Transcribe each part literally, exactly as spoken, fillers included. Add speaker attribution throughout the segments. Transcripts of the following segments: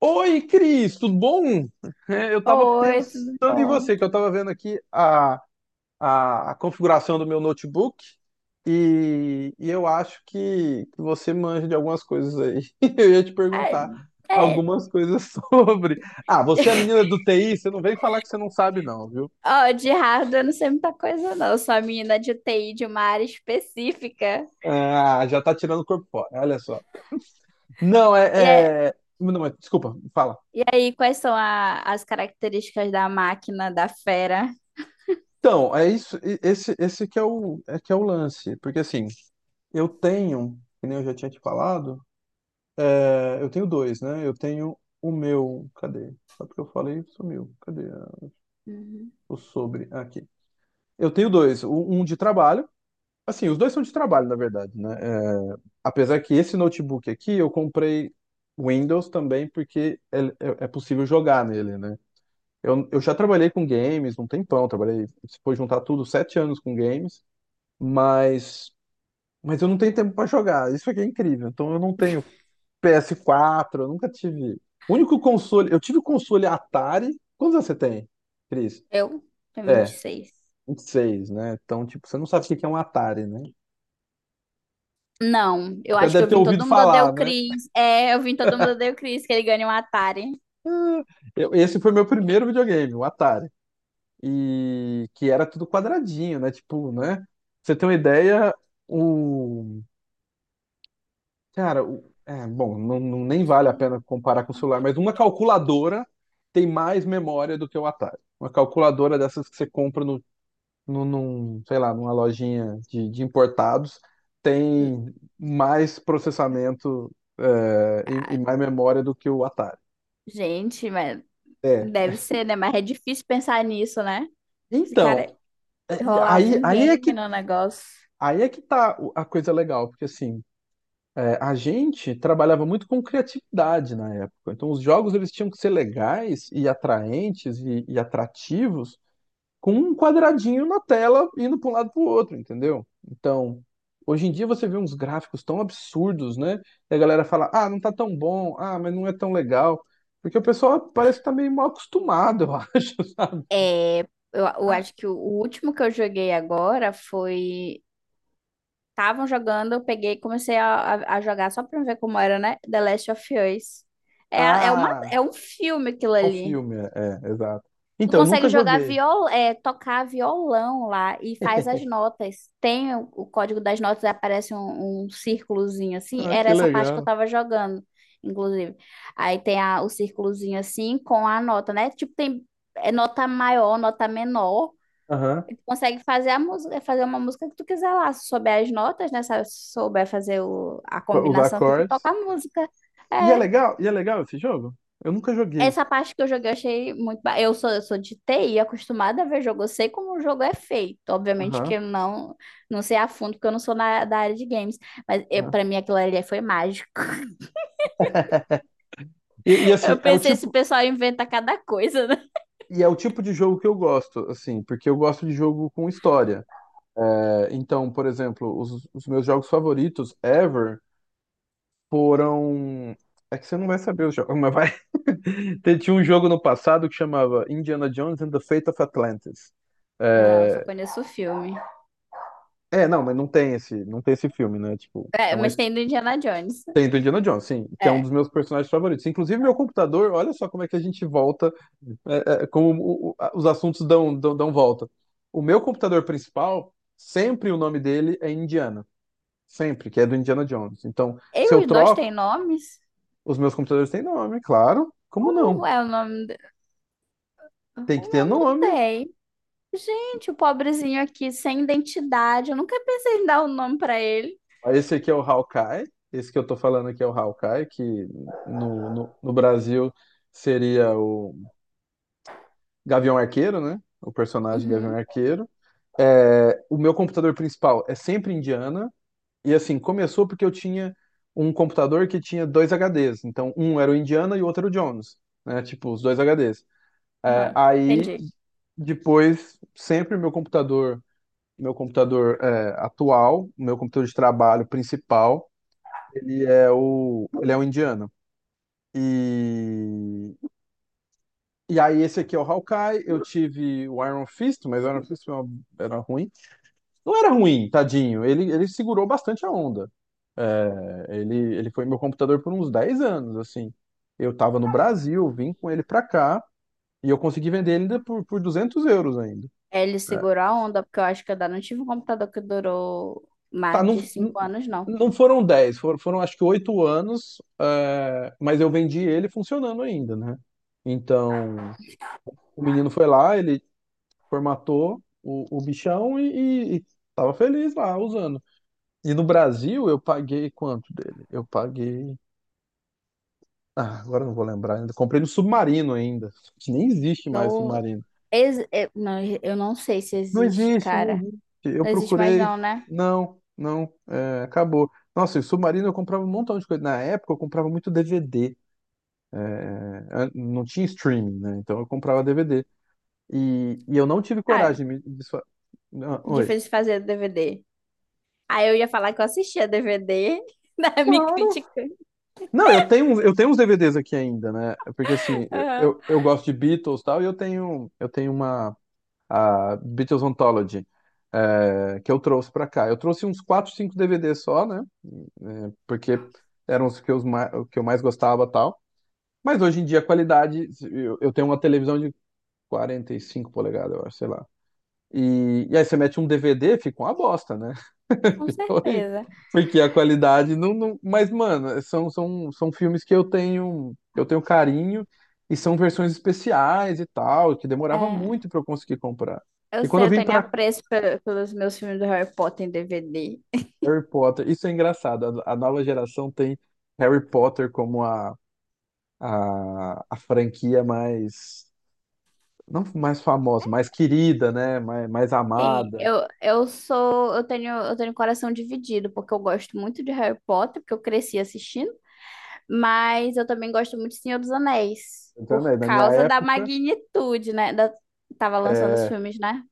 Speaker 1: Oi, Cris, tudo bom? É, eu estava
Speaker 2: Oi, tudo
Speaker 1: pensando em
Speaker 2: bom?
Speaker 1: você, que eu estava vendo aqui a, a, a configuração do meu notebook e, e eu acho que, que você manja de algumas coisas aí. Eu ia te
Speaker 2: É,
Speaker 1: perguntar
Speaker 2: é.
Speaker 1: algumas coisas sobre. Ah, você é a menina do T I, você não vem falar que você não sabe, não, viu?
Speaker 2: Ó, de hardware eu não sei muita coisa, não. Eu sou a menina de T I de uma área específica.
Speaker 1: Ah, já tá tirando o corpo fora, olha só. Não,
Speaker 2: E, é-
Speaker 1: é, é- não, mas, desculpa, fala.
Speaker 2: e aí, quais são a- as características da máquina, da fera?
Speaker 1: Então, é isso, e- esse, esse que é o, é que é o lance, porque assim. Eu tenho, que nem eu já tinha te falado, é, eu tenho dois, né? Eu tenho o meu. Cadê? Só porque eu falei, sumiu. Cadê a-
Speaker 2: Uhum.
Speaker 1: o sobre? Ah, aqui. Eu tenho dois. o- Um de trabalho. Assim, os dois são de trabalho, na verdade, né? É, apesar que esse notebook aqui eu comprei Windows também, porque é, é- é possível jogar nele, né? Eu, eu já trabalhei com games um tempão, trabalhei, se for juntar tudo, sete anos com games, mas, mas eu não tenho tempo para jogar. Isso aqui é incrível. Então eu não tenho P S quatro, eu nunca tive. O único console. Eu tive o console Atari. Quantos anos você tem, Cris?
Speaker 2: Eu tenho vinte e
Speaker 1: É,
Speaker 2: seis
Speaker 1: vinte e seis, né? Então, tipo, você não sabe o que que é um Atari, né?
Speaker 2: Não, eu
Speaker 1: Já
Speaker 2: acho que
Speaker 1: deve
Speaker 2: eu
Speaker 1: ter
Speaker 2: vim
Speaker 1: ouvido
Speaker 2: todo mundo odeia
Speaker 1: falar,
Speaker 2: o
Speaker 1: né?
Speaker 2: Chris. É, eu vim todo mundo odeia o Chris, que ele ganha um Atari.
Speaker 1: Eu- esse foi meu primeiro videogame, o Atari. E que era tudo quadradinho, né? Tipo, né? Pra você tem uma ideia, o. Cara, o... É, bom, não, não- nem vale a
Speaker 2: Sim.
Speaker 1: pena comparar com o celular, mas uma calculadora tem mais memória do que o Atari. Uma calculadora dessas que você compra no num, num, sei lá, numa lojinha de, de importados, tem mais processamento, é, e, e
Speaker 2: Cara,
Speaker 1: mais memória do que o Atari.
Speaker 2: gente, mas
Speaker 1: É.
Speaker 2: deve ser, né? Mas é difícil pensar nisso, né? Esse cara, é
Speaker 1: Então, é, e
Speaker 2: rolava
Speaker 1: aí,
Speaker 2: um
Speaker 1: aí é
Speaker 2: game
Speaker 1: que,
Speaker 2: no negócio.
Speaker 1: aí é que tá o- a coisa legal, porque assim, é, a gente trabalhava muito com criatividade na época. Então, os jogos eles tinham que ser legais e atraentes e, e atrativos com um quadradinho na tela indo para um lado para o outro, entendeu? Então, hoje em dia você vê uns gráficos tão absurdos, né? E a galera fala, ah, não tá tão bom, ah, mas não é tão legal. Porque o pessoal parece que tá meio mal acostumado, eu acho, sabe?
Speaker 2: É, eu, eu
Speaker 1: Ah,
Speaker 2: acho que o, o último que eu joguei agora foi. Estavam jogando, eu peguei e comecei a, a, a jogar só pra ver como era, né? The Last of Us. É, a- é, uma,
Speaker 1: ah,
Speaker 2: é um filme aquilo
Speaker 1: é um
Speaker 2: ali.
Speaker 1: filme, é, é, exato.
Speaker 2: Tu
Speaker 1: Então, eu
Speaker 2: consegue
Speaker 1: nunca
Speaker 2: jogar
Speaker 1: joguei.
Speaker 2: viol, é, tocar violão lá e faz as notas. Tem o, o código das notas, aparece um, um círculozinho assim.
Speaker 1: Ah,
Speaker 2: Era
Speaker 1: que
Speaker 2: essa parte que eu
Speaker 1: legal.
Speaker 2: tava jogando, inclusive. Aí tem a- o círculozinho assim com a nota, né? Tipo, tem é, nota maior, nota menor.
Speaker 1: Aham.
Speaker 2: E tu consegue fazer a música, fazer uma música que tu quiser lá. Se souber as notas, né? Se souber fazer o- a
Speaker 1: Pra usar
Speaker 2: combinação que tu toca a
Speaker 1: acordes.
Speaker 2: música.
Speaker 1: E é
Speaker 2: É,
Speaker 1: legal, e é legal esse jogo? Eu nunca joguei.
Speaker 2: essa parte que eu joguei eu achei muito. ba- Eu sou, eu sou de T I, acostumada a ver jogo. Eu sei como o jogo é feito. Obviamente que eu
Speaker 1: Aham.
Speaker 2: não, não sei a fundo, porque eu não sou na, da área de games. Mas eu,
Speaker 1: Aham.
Speaker 2: pra mim aquilo ali foi mágico.
Speaker 1: E, e assim,
Speaker 2: Eu
Speaker 1: é o
Speaker 2: pensei, esse
Speaker 1: tipo,
Speaker 2: pessoal inventa cada coisa, né?
Speaker 1: E é o tipo de jogo que eu gosto, assim, porque eu gosto de jogo com história. É, então, por exemplo, os, os meus jogos favoritos ever foram. É que você não vai saber os jogos, mas vai. Te- Tinha um jogo no passado que chamava Indiana Jones and the Fate of Atlantis.
Speaker 2: Não, só
Speaker 1: É,
Speaker 2: conheço o filme.
Speaker 1: é, não, mas não tem esse, não tem esse filme, né? Tipo, é
Speaker 2: É,
Speaker 1: uma
Speaker 2: mas
Speaker 1: his-
Speaker 2: tem do Indiana Jones.
Speaker 1: tem do Indiana Jones, sim, que é um
Speaker 2: É.
Speaker 1: dos meus personagens favoritos. Inclusive, meu computador, olha só como é que a gente volta, é, é, como o- o- os assuntos dão, dão, dão volta. O meu computador principal, sempre o nome dele é Indiana. Sempre, que é do Indiana Jones. Então,
Speaker 2: E
Speaker 1: se eu
Speaker 2: os dois têm
Speaker 1: troco,
Speaker 2: nomes?
Speaker 1: os meus computadores têm nome, claro. Como
Speaker 2: Como
Speaker 1: não?
Speaker 2: é o nome? de-
Speaker 1: Tem
Speaker 2: O
Speaker 1: que ter
Speaker 2: meu não
Speaker 1: nome.
Speaker 2: tem. Gente, o pobrezinho aqui, sem identidade. Eu nunca pensei em dar um nome pra ele.
Speaker 1: Ah, esse aqui é o Hawkeye. Esse que eu tô falando aqui é o Hawkeye, que no, no, no Brasil seria o Gavião Arqueiro, né? O personagem Gavião
Speaker 2: Uhum.
Speaker 1: Arqueiro. É, o meu computador principal é sempre Indiana. E assim, começou porque eu tinha um computador que tinha dois H Ds. Então, um era o Indiana e o outro era o Jones, né? Tipo, os dois H Ds. É,
Speaker 2: Aham.
Speaker 1: aí,
Speaker 2: Entendi.
Speaker 1: depois, sempre meu computador, meu computador é, atual, meu computador de trabalho principal, ele é o, ele é o Indiana. E, e aí, esse aqui é o Hawkeye. Eu tive o Iron Fist, mas o Iron Fist foi uma- era ruim. Não era ruim, tadinho. Ele, ele segurou bastante a onda. É, Ele, ele foi meu computador por uns dez anos, assim. Eu tava no Brasil, vim com ele pra cá e eu consegui vender ele ainda por, por duzentos euros ainda.
Speaker 2: É, ele segurou
Speaker 1: É.
Speaker 2: a onda, porque eu acho que eu ainda não tive um computador que durou
Speaker 1: Tá,
Speaker 2: mais
Speaker 1: não,
Speaker 2: de
Speaker 1: não
Speaker 2: cinco anos, não.
Speaker 1: não foram dez, foram, foram acho que oito anos, é, mas eu vendi ele funcionando ainda, né? Então, o menino foi lá, ele formatou o, o bichão e, e, e tava feliz lá usando. E no Brasil eu paguei quanto dele? Eu paguei. Ah, agora eu não vou lembrar ainda. Comprei no Submarino ainda. Que nem existe mais
Speaker 2: Não
Speaker 1: Submarino.
Speaker 2: ex, eu, não, eu não sei se
Speaker 1: Não
Speaker 2: existe,
Speaker 1: existe, não
Speaker 2: cara.
Speaker 1: existe. Eu
Speaker 2: Não existe mais
Speaker 1: procurei.
Speaker 2: não, né?
Speaker 1: Não, não. É, acabou. Nossa, e o Submarino eu comprava um montão de coisa. Na época eu comprava muito D V D. Ah, não tinha streaming, né? Então eu comprava D V D. E, e eu não tive
Speaker 2: Ah, é
Speaker 1: coragem de... me- de fa- Ah, oi.
Speaker 2: difícil fazer D V D. Aí eu ia falar que eu assistia D V D, né? Me
Speaker 1: Claro.
Speaker 2: criticando.
Speaker 1: Não, eu tenho, uns- eu tenho uns D V Ds aqui ainda, né? Porque assim, eu,
Speaker 2: Aham.
Speaker 1: eu, eu gosto de Beatles e tal, e eu tenho, eu tenho uma. A Beatles Anthology, é, que eu trouxe para cá. Eu trouxe uns quatro, cinco D V Ds só, né? É, porque eram os que, os mais, que eu mais gostava e tal. Mas hoje em dia a qualidade, eu, eu tenho uma televisão de quarenta e cinco polegadas, eu acho, sei lá. E, e aí você mete um D V D, fica uma bosta, né?
Speaker 2: Com
Speaker 1: Fica horrível.
Speaker 2: certeza.
Speaker 1: Porque a qualidade não, não- mas, mano, são, são, são filmes que eu tenho, que eu tenho carinho e são versões especiais e tal, que
Speaker 2: É,
Speaker 1: demorava muito para eu conseguir comprar.
Speaker 2: eu
Speaker 1: E quando
Speaker 2: sei,
Speaker 1: eu
Speaker 2: eu
Speaker 1: vim
Speaker 2: tenho
Speaker 1: para
Speaker 2: apreço pe- pelos meus filmes do Harry Potter em D V D.
Speaker 1: Harry Potter, isso é engraçado. A, a nova geração tem Harry Potter como a, a, a franquia mais, não mais famosa, mais querida, né? Mais, mais
Speaker 2: Sim,
Speaker 1: amada.
Speaker 2: eu, eu sou, eu tenho, eu tenho coração dividido, porque eu gosto muito de Harry Potter, porque eu cresci assistindo. Mas eu também gosto muito de Senhor dos Anéis, por
Speaker 1: Entendeu? Na minha
Speaker 2: causa da
Speaker 1: época,
Speaker 2: magnitude, né? Da... Tava lançando os
Speaker 1: é,
Speaker 2: filmes, né?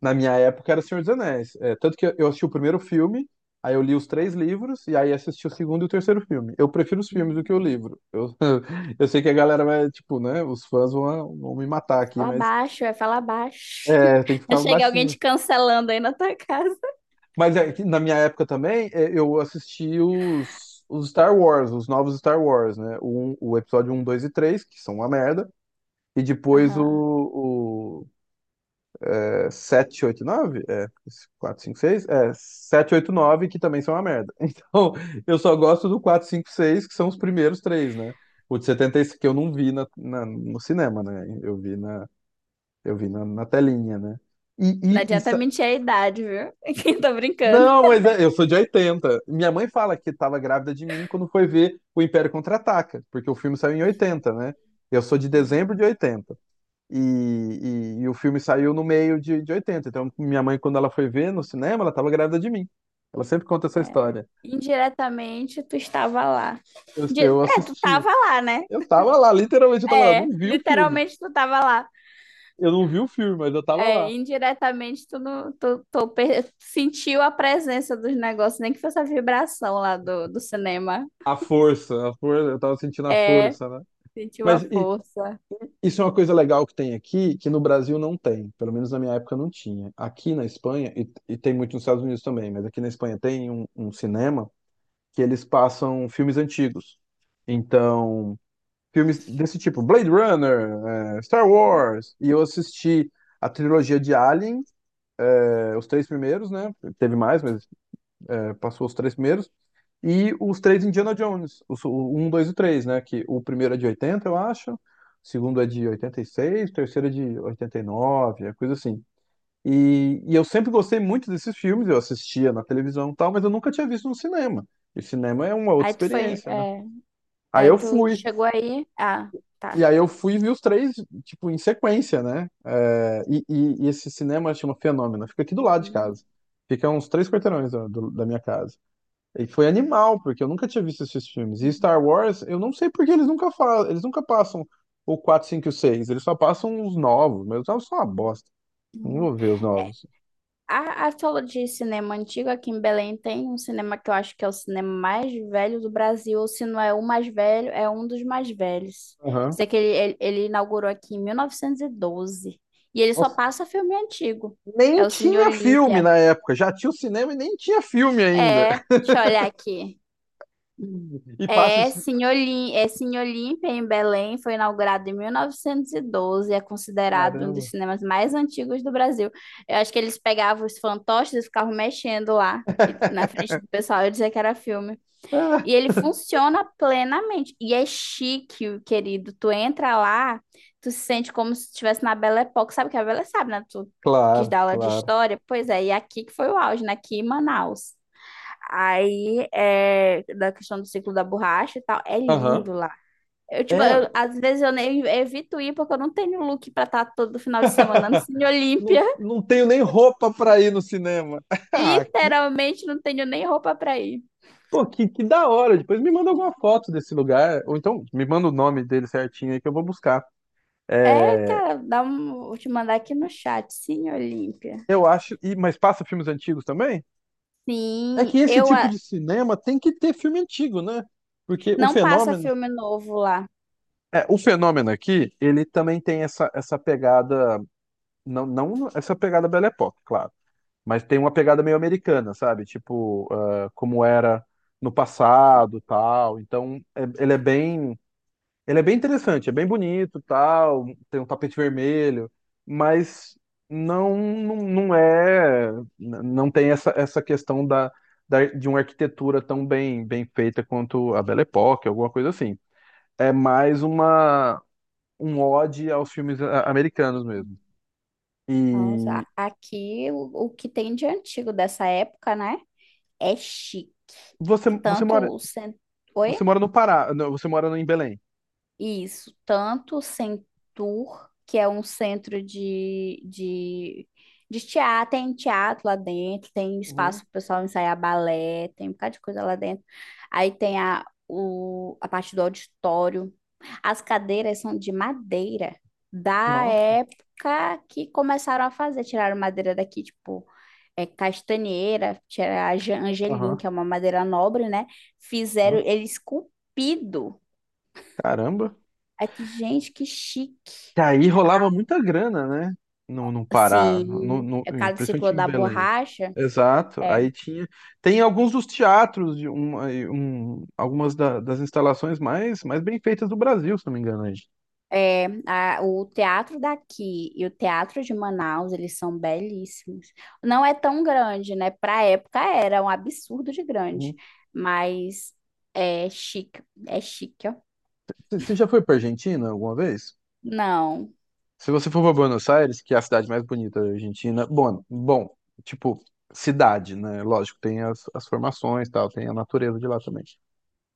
Speaker 1: na minha época era Senhor dos Anéis. É, tanto que eu assisti o primeiro filme, aí eu li os três livros, e aí assisti o segundo e o terceiro filme. Eu prefiro os filmes do que o livro. Eu, eu sei que a galera vai, tipo, né? Os fãs vão, vão me matar aqui,
Speaker 2: Fala
Speaker 1: mas
Speaker 2: baixo, é fala baixo.
Speaker 1: é, tem que
Speaker 2: Não
Speaker 1: ficar
Speaker 2: chega alguém
Speaker 1: baixinho.
Speaker 2: te cancelando aí na tua casa.
Speaker 1: Mas é que na minha época também, é, eu assisti os, os Star Wars, os novos Star Wars, né? O, um- o episódio um dois e três que são uma merda. E depois o,
Speaker 2: Aham.
Speaker 1: o é, sete, oito, nove? É, quatro cinco seis. É, sete oito nove que também são uma merda. Então, eu só gosto do quatro cinco seis que são os primeiros três, né? O de setenta e seis que eu não vi na, na- no cinema, né? Eu vi na, eu vi na, na telinha, né?
Speaker 2: Não
Speaker 1: E, e, e
Speaker 2: adianta
Speaker 1: sa-
Speaker 2: mentir a idade, viu? Tô brincando.
Speaker 1: não, mas é, eu sou de oitenta. Minha mãe fala que estava grávida de mim quando foi ver o Império Contra-Ataca, porque o filme saiu em oitenta, né? Eu sou de dezembro
Speaker 2: Sim.
Speaker 1: de oitenta. E, e, e o filme saiu no meio de, de oitenta. Então, minha mãe, quando ela foi ver no cinema, ela estava grávida de mim. Ela sempre conta essa história.
Speaker 2: Indiretamente, tu estava lá.
Speaker 1: Eu,
Speaker 2: Di-
Speaker 1: eu
Speaker 2: É, tu
Speaker 1: assisti.
Speaker 2: tava lá, né?
Speaker 1: Eu tava lá, literalmente eu tava lá. Eu
Speaker 2: É,
Speaker 1: não vi o filme.
Speaker 2: literalmente tu tava lá.
Speaker 1: Eu não vi o filme, mas eu tava
Speaker 2: É,
Speaker 1: lá.
Speaker 2: indiretamente tu, não, tu, tu per- sentiu a presença dos negócios, nem que fosse a vibração lá do, do cinema.
Speaker 1: A força, a força, eu tava sentindo a
Speaker 2: É,
Speaker 1: força, né?
Speaker 2: sentiu a
Speaker 1: Mas e,
Speaker 2: força.
Speaker 1: Isso é uma coisa legal que tem aqui, que no Brasil não tem, pelo menos na minha época não tinha. Aqui na Espanha, e, e tem muito nos Estados Unidos também, mas aqui na Espanha tem um, um cinema que eles passam filmes antigos. Então, filmes desse tipo, Blade Runner, eh, Star Wars, e eu assisti a trilogia de Alien, eh, os três primeiros, né? Teve mais, mas é, passou os três primeiros. E os três Indiana Jones, os, o um, dois e três, né? Que o primeiro é de oitenta, eu acho, o segundo é de oitenta e seis, o terceiro é de oitenta e nove, é coisa assim. E, e eu sempre gostei muito desses filmes, eu assistia na televisão e tal, mas eu nunca tinha visto no cinema. E cinema é uma outra
Speaker 2: Aí tu foi,
Speaker 1: experiência, né?
Speaker 2: é,
Speaker 1: Aí
Speaker 2: aí
Speaker 1: eu
Speaker 2: tu
Speaker 1: fui,
Speaker 2: chegou aí. Ah,
Speaker 1: e
Speaker 2: tá.
Speaker 1: aí eu fui e vi os três, tipo, em sequência, né? É, e, e- e esse cinema chama Fenômeno, fica aqui do lado de
Speaker 2: Hum.
Speaker 1: casa. Fica a uns três quarteirões da do- da minha casa. E foi animal, porque eu nunca tinha visto esses filmes. E Star Wars, eu não sei porque eles nunca falam, eles nunca passam o quatro, cinco e o seis, eles só passam os novos, mas os novos são uma bosta. Não
Speaker 2: Uhum.
Speaker 1: vou ver os novos.
Speaker 2: A, a falou de cinema antigo aqui em Belém tem um cinema que eu acho que é o cinema mais velho do Brasil, ou se não é o mais velho, é um dos mais velhos.
Speaker 1: Aham.
Speaker 2: Sei que ele, ele, ele inaugurou aqui em mil novecentos e doze e doze. E ele só
Speaker 1: Nossa,
Speaker 2: passa filme antigo.
Speaker 1: nem
Speaker 2: É o Cine
Speaker 1: tinha filme
Speaker 2: Olímpia.
Speaker 1: na época, já tinha o cinema e nem tinha filme ainda.
Speaker 2: É, deixa eu olhar aqui.
Speaker 1: E passa
Speaker 2: É,
Speaker 1: esse.
Speaker 2: Cine Olim- é, Cine Olímpia, em Belém, foi inaugurado em mil novecentos e doze, é considerado um dos
Speaker 1: Caramba.
Speaker 2: cinemas mais antigos do Brasil. Eu acho que eles pegavam os fantoches e ficavam mexendo lá e- na frente do pessoal e dizia que era filme.
Speaker 1: Ah,
Speaker 2: E ele funciona plenamente. E é chique, querido. Tu entra lá, tu se sente como se estivesse na Belle Époque. Sabe o que é a Belle sabe, né? Tu quis
Speaker 1: claro,
Speaker 2: dar aula de
Speaker 1: claro.
Speaker 2: história? Pois é, e aqui que foi o auge, né? Aqui em Manaus. Aí, é, da questão do ciclo da borracha e tal, é lindo
Speaker 1: Aham.
Speaker 2: lá. Eu, tipo, eu,
Speaker 1: É.
Speaker 2: às vezes eu nem evito ir porque eu não tenho look pra estar todo final de semana no Cine Olímpia.
Speaker 1: Não, não tenho nem roupa pra ir no cinema. Ah,
Speaker 2: Literalmente não tenho nem roupa pra ir.
Speaker 1: Pô, que, que da hora. Depois me manda alguma foto desse lugar, ou então me manda o nome dele certinho aí que eu vou buscar.
Speaker 2: É,
Speaker 1: É,
Speaker 2: cara, dá um, vou te mandar aqui no chat, Cine Olímpia.
Speaker 1: eu acho. E, mas passa filmes antigos também? É que
Speaker 2: Sim,
Speaker 1: esse
Speaker 2: eu
Speaker 1: tipo
Speaker 2: a-
Speaker 1: de cinema tem que ter filme antigo, né? Porque o
Speaker 2: não passa
Speaker 1: fenômeno.
Speaker 2: filme novo lá.
Speaker 1: É, o fenômeno aqui, ele também tem essa, essa pegada. Não, não essa pegada Belle Époque, claro. Mas tem uma pegada meio americana, sabe? Tipo, ah, como era no passado tal. Então, é- ele é bem. Ele é bem interessante, é bem bonito, tal, tem um tapete vermelho, mas não não, não é não tem essa, essa questão da, da- de uma arquitetura tão bem bem feita quanto a Belle Époque, alguma coisa assim. É mais uma um ode aos filmes a- americanos mesmo.
Speaker 2: Nossa,
Speaker 1: E
Speaker 2: aqui o, o que tem de antigo dessa época, né? É chique.
Speaker 1: você você
Speaker 2: Tanto
Speaker 1: mora
Speaker 2: o centro. Oi?
Speaker 1: você mora no Pará, não, você mora no- em Belém.
Speaker 2: Isso, tanto o Centur, que é um centro de, de, de teatro, tem teatro lá dentro, tem espaço
Speaker 1: Uhum.
Speaker 2: para o pessoal ensaiar balé, tem um bocado de coisa lá dentro. Aí tem a, o, a parte do auditório. As cadeiras são de madeira da
Speaker 1: Nossa.
Speaker 2: época que começaram a fazer, tiraram madeira daqui, tipo, é, castanheira, tiraram a Angelim,
Speaker 1: Aham.
Speaker 2: que é uma madeira nobre, né? Fizeram
Speaker 1: Aham.
Speaker 2: ele esculpido.
Speaker 1: Caramba.
Speaker 2: Aí tu, gente, que chique.
Speaker 1: Que aí rolava muita grana, né? No, no Pará, no,
Speaker 2: Assim,
Speaker 1: no,
Speaker 2: a Casa do
Speaker 1: principalmente
Speaker 2: Ciclo
Speaker 1: em
Speaker 2: da
Speaker 1: Belém.
Speaker 2: Borracha,
Speaker 1: Exato.
Speaker 2: é,
Speaker 1: Aí tinha. Tem alguns dos teatros, de um, aí um- algumas da- das instalações mais, mais bem feitas do Brasil, se não me engano. Aí.
Speaker 2: é a- o teatro daqui e o teatro de Manaus, eles são belíssimos. Não é tão grande, né? Para época era um absurdo de grande,
Speaker 1: Hum.
Speaker 2: mas é chique, é chique, ó.
Speaker 1: Você você já foi para Argentina alguma vez?
Speaker 2: Não,
Speaker 1: Se você for para Buenos Aires, que é a cidade mais bonita da Argentina, bom, bom, tipo, cidade, né? Lógico, tem as, as formações, e tal, tem a natureza de lá também.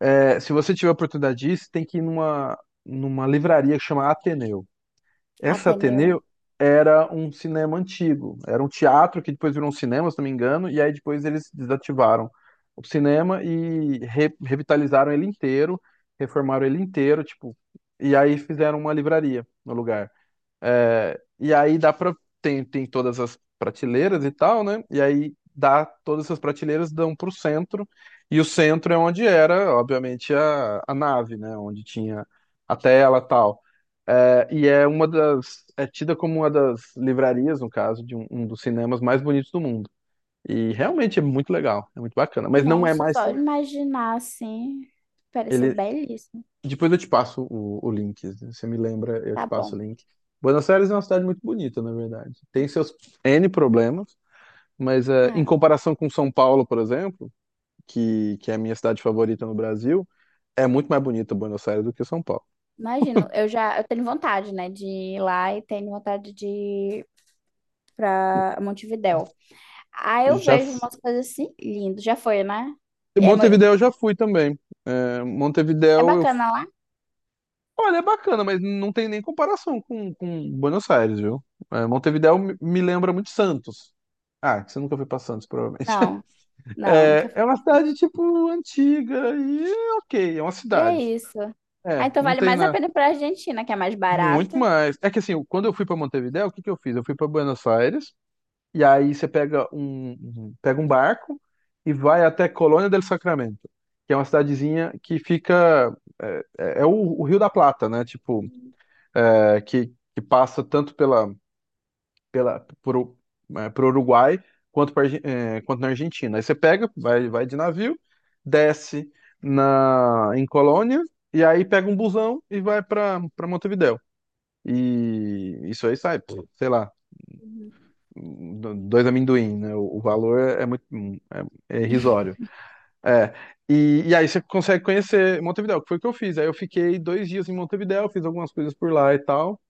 Speaker 1: É, se você tiver a oportunidade disso, tem que ir numa, numa livraria que chama Ateneu. Essa
Speaker 2: Ateneu.
Speaker 1: Ateneu era um cinema antigo, era um teatro que depois virou um cinema, se não me engano, e aí depois eles desativaram o cinema e re- revitalizaram ele inteiro, reformaram ele inteiro, tipo, e aí fizeram uma livraria no lugar. É, e aí dá pra. Tem, tem todas as prateleiras e tal, né? E aí dá todas essas prateleiras dão pro centro. E o centro é onde era, obviamente, a, a nave, né? Onde tinha a tela e tal. É, e é uma das. É tida como uma das livrarias, no caso, de um, um dos cinemas mais bonitos do mundo. E realmente é muito legal, é muito bacana. Mas não é
Speaker 2: Nossa,
Speaker 1: mais.
Speaker 2: só de
Speaker 1: Cine-
Speaker 2: imaginar assim, pareceu
Speaker 1: Ele,
Speaker 2: belíssimo.
Speaker 1: depois eu te passo o, o link. Você me lembra, eu
Speaker 2: Tá
Speaker 1: te passo
Speaker 2: bom.
Speaker 1: o link. Buenos Aires é uma cidade muito bonita, na verdade. Tem seus N problemas, mas eh, em
Speaker 2: Ah,
Speaker 1: comparação com São Paulo, por exemplo, que, que é a minha cidade favorita no Brasil, é muito mais bonita Buenos Aires do que São Paulo.
Speaker 2: imagino. Eu já, eu tenho vontade, né, de ir lá e tenho vontade de para Montevidéu. Aí eu
Speaker 1: Já
Speaker 2: vejo
Speaker 1: f-
Speaker 2: umas coisas assim, lindo. Já foi, né? É, mo-
Speaker 1: Montevidéu eu já fui também. Eh,
Speaker 2: é
Speaker 1: Montevidéu eu,
Speaker 2: bacana lá?
Speaker 1: olha, é bacana, mas não tem nem comparação com, com Buenos Aires, viu? Eh, Montevidéu me me lembra muito Santos. Ah, que você nunca foi pra Santos, provavelmente.
Speaker 2: Não, não, nunca
Speaker 1: É,
Speaker 2: fui.
Speaker 1: é uma cidade, tipo, antiga e é ok, é uma
Speaker 2: E é
Speaker 1: cidade.
Speaker 2: isso. Ah,
Speaker 1: É,
Speaker 2: então
Speaker 1: não
Speaker 2: vale
Speaker 1: tem
Speaker 2: mais a
Speaker 1: nada
Speaker 2: pena para Argentina, que é mais
Speaker 1: muito
Speaker 2: barato.
Speaker 1: mais. É que assim, eu- quando eu fui pra Montevidéu, o que que eu fiz? Eu fui pra Buenos Aires e aí você pega um, um- pega um barco e vai até Colônia del Sacramento, que é uma cidadezinha que fica é, é- é o, o Rio da Plata, né? Tipo, é, que, que passa tanto pela pela, por, para o Uruguai quanto, pra Argen- é, quanto na Argentina. Aí você pega, vai, vai de navio, desce na, em Colônia, e aí pega um busão e vai para para Montevidéu. E isso aí sai, pô, sei lá,
Speaker 2: Uhum.
Speaker 1: do- dois amendoim, né? O, o valor é muito é, é irrisório. É. E, e aí você consegue conhecer Montevidéu, que foi o que eu fiz. Aí eu fiquei dois dias em Montevidéu, fiz algumas coisas por lá e tal.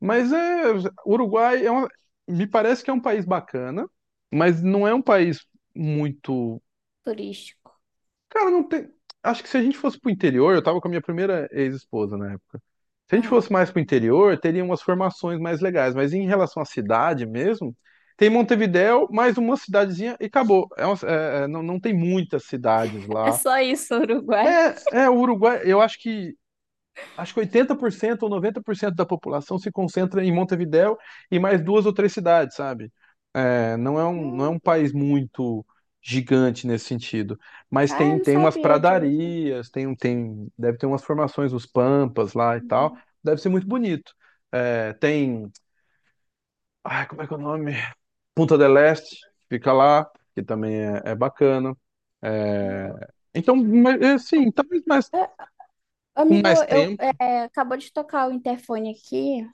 Speaker 1: Mas é, Uruguai é uma, me parece que é um país bacana, mas não é um país muito.
Speaker 2: Turístico.
Speaker 1: Cara, não tem. Acho que se a gente fosse pro interior, eu tava com a minha primeira ex-esposa na época. Se a gente
Speaker 2: Aham.
Speaker 1: fosse mais pro interior, teria umas formações mais legais, mas em relação à cidade mesmo, tem Montevidéu, mais uma cidadezinha e acabou. É uma- é- é, não, não tem muitas cidades
Speaker 2: É
Speaker 1: lá.
Speaker 2: só isso, Uruguai.
Speaker 1: É, o Uruguai, eu acho que acho que oitenta por cento ou noventa por cento da população se concentra em Montevidéu e mais duas ou três cidades, sabe? É, não é um, não é um
Speaker 2: Não.
Speaker 1: país muito gigante nesse sentido, mas
Speaker 2: Ah, eu
Speaker 1: tem,
Speaker 2: não
Speaker 1: tem umas
Speaker 2: sabia disso.
Speaker 1: pradarias, tem, um tem, deve ter umas formações, os Pampas lá e tal,
Speaker 2: Uhum.
Speaker 1: deve ser muito bonito. É, tem, ai, como é que é o nome? Punta del Este, fica lá, que também é, é bacana. É, então, mas, assim, talvez mais,
Speaker 2: Ah,
Speaker 1: com
Speaker 2: amigo,
Speaker 1: mais
Speaker 2: eu
Speaker 1: tempo,
Speaker 2: é, acabou de tocar o interfone aqui.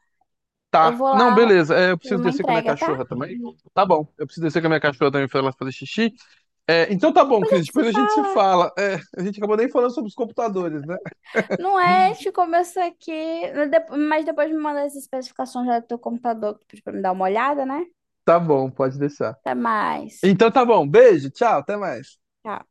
Speaker 2: Eu
Speaker 1: tá.
Speaker 2: vou
Speaker 1: Não,
Speaker 2: lá
Speaker 1: beleza. É, eu
Speaker 2: fazer
Speaker 1: preciso
Speaker 2: uma
Speaker 1: descer com a minha
Speaker 2: entrega, tá?
Speaker 1: cachorra também. Tá bom. Eu preciso descer com a minha cachorra também pra ela fazer xixi. É, então tá bom,
Speaker 2: Depois a
Speaker 1: Cris.
Speaker 2: gente se.
Speaker 1: Depois a gente se fala. É, a gente acabou nem falando sobre os computadores, né?
Speaker 2: Não é, te começa aqui, mas depo- mas depois me manda as especificações já do teu computador que tu pediu pra me dar uma olhada, né?
Speaker 1: Tá bom, pode deixar.
Speaker 2: Até mais.
Speaker 1: Então tá bom. Beijo, tchau, até mais.
Speaker 2: Tchau.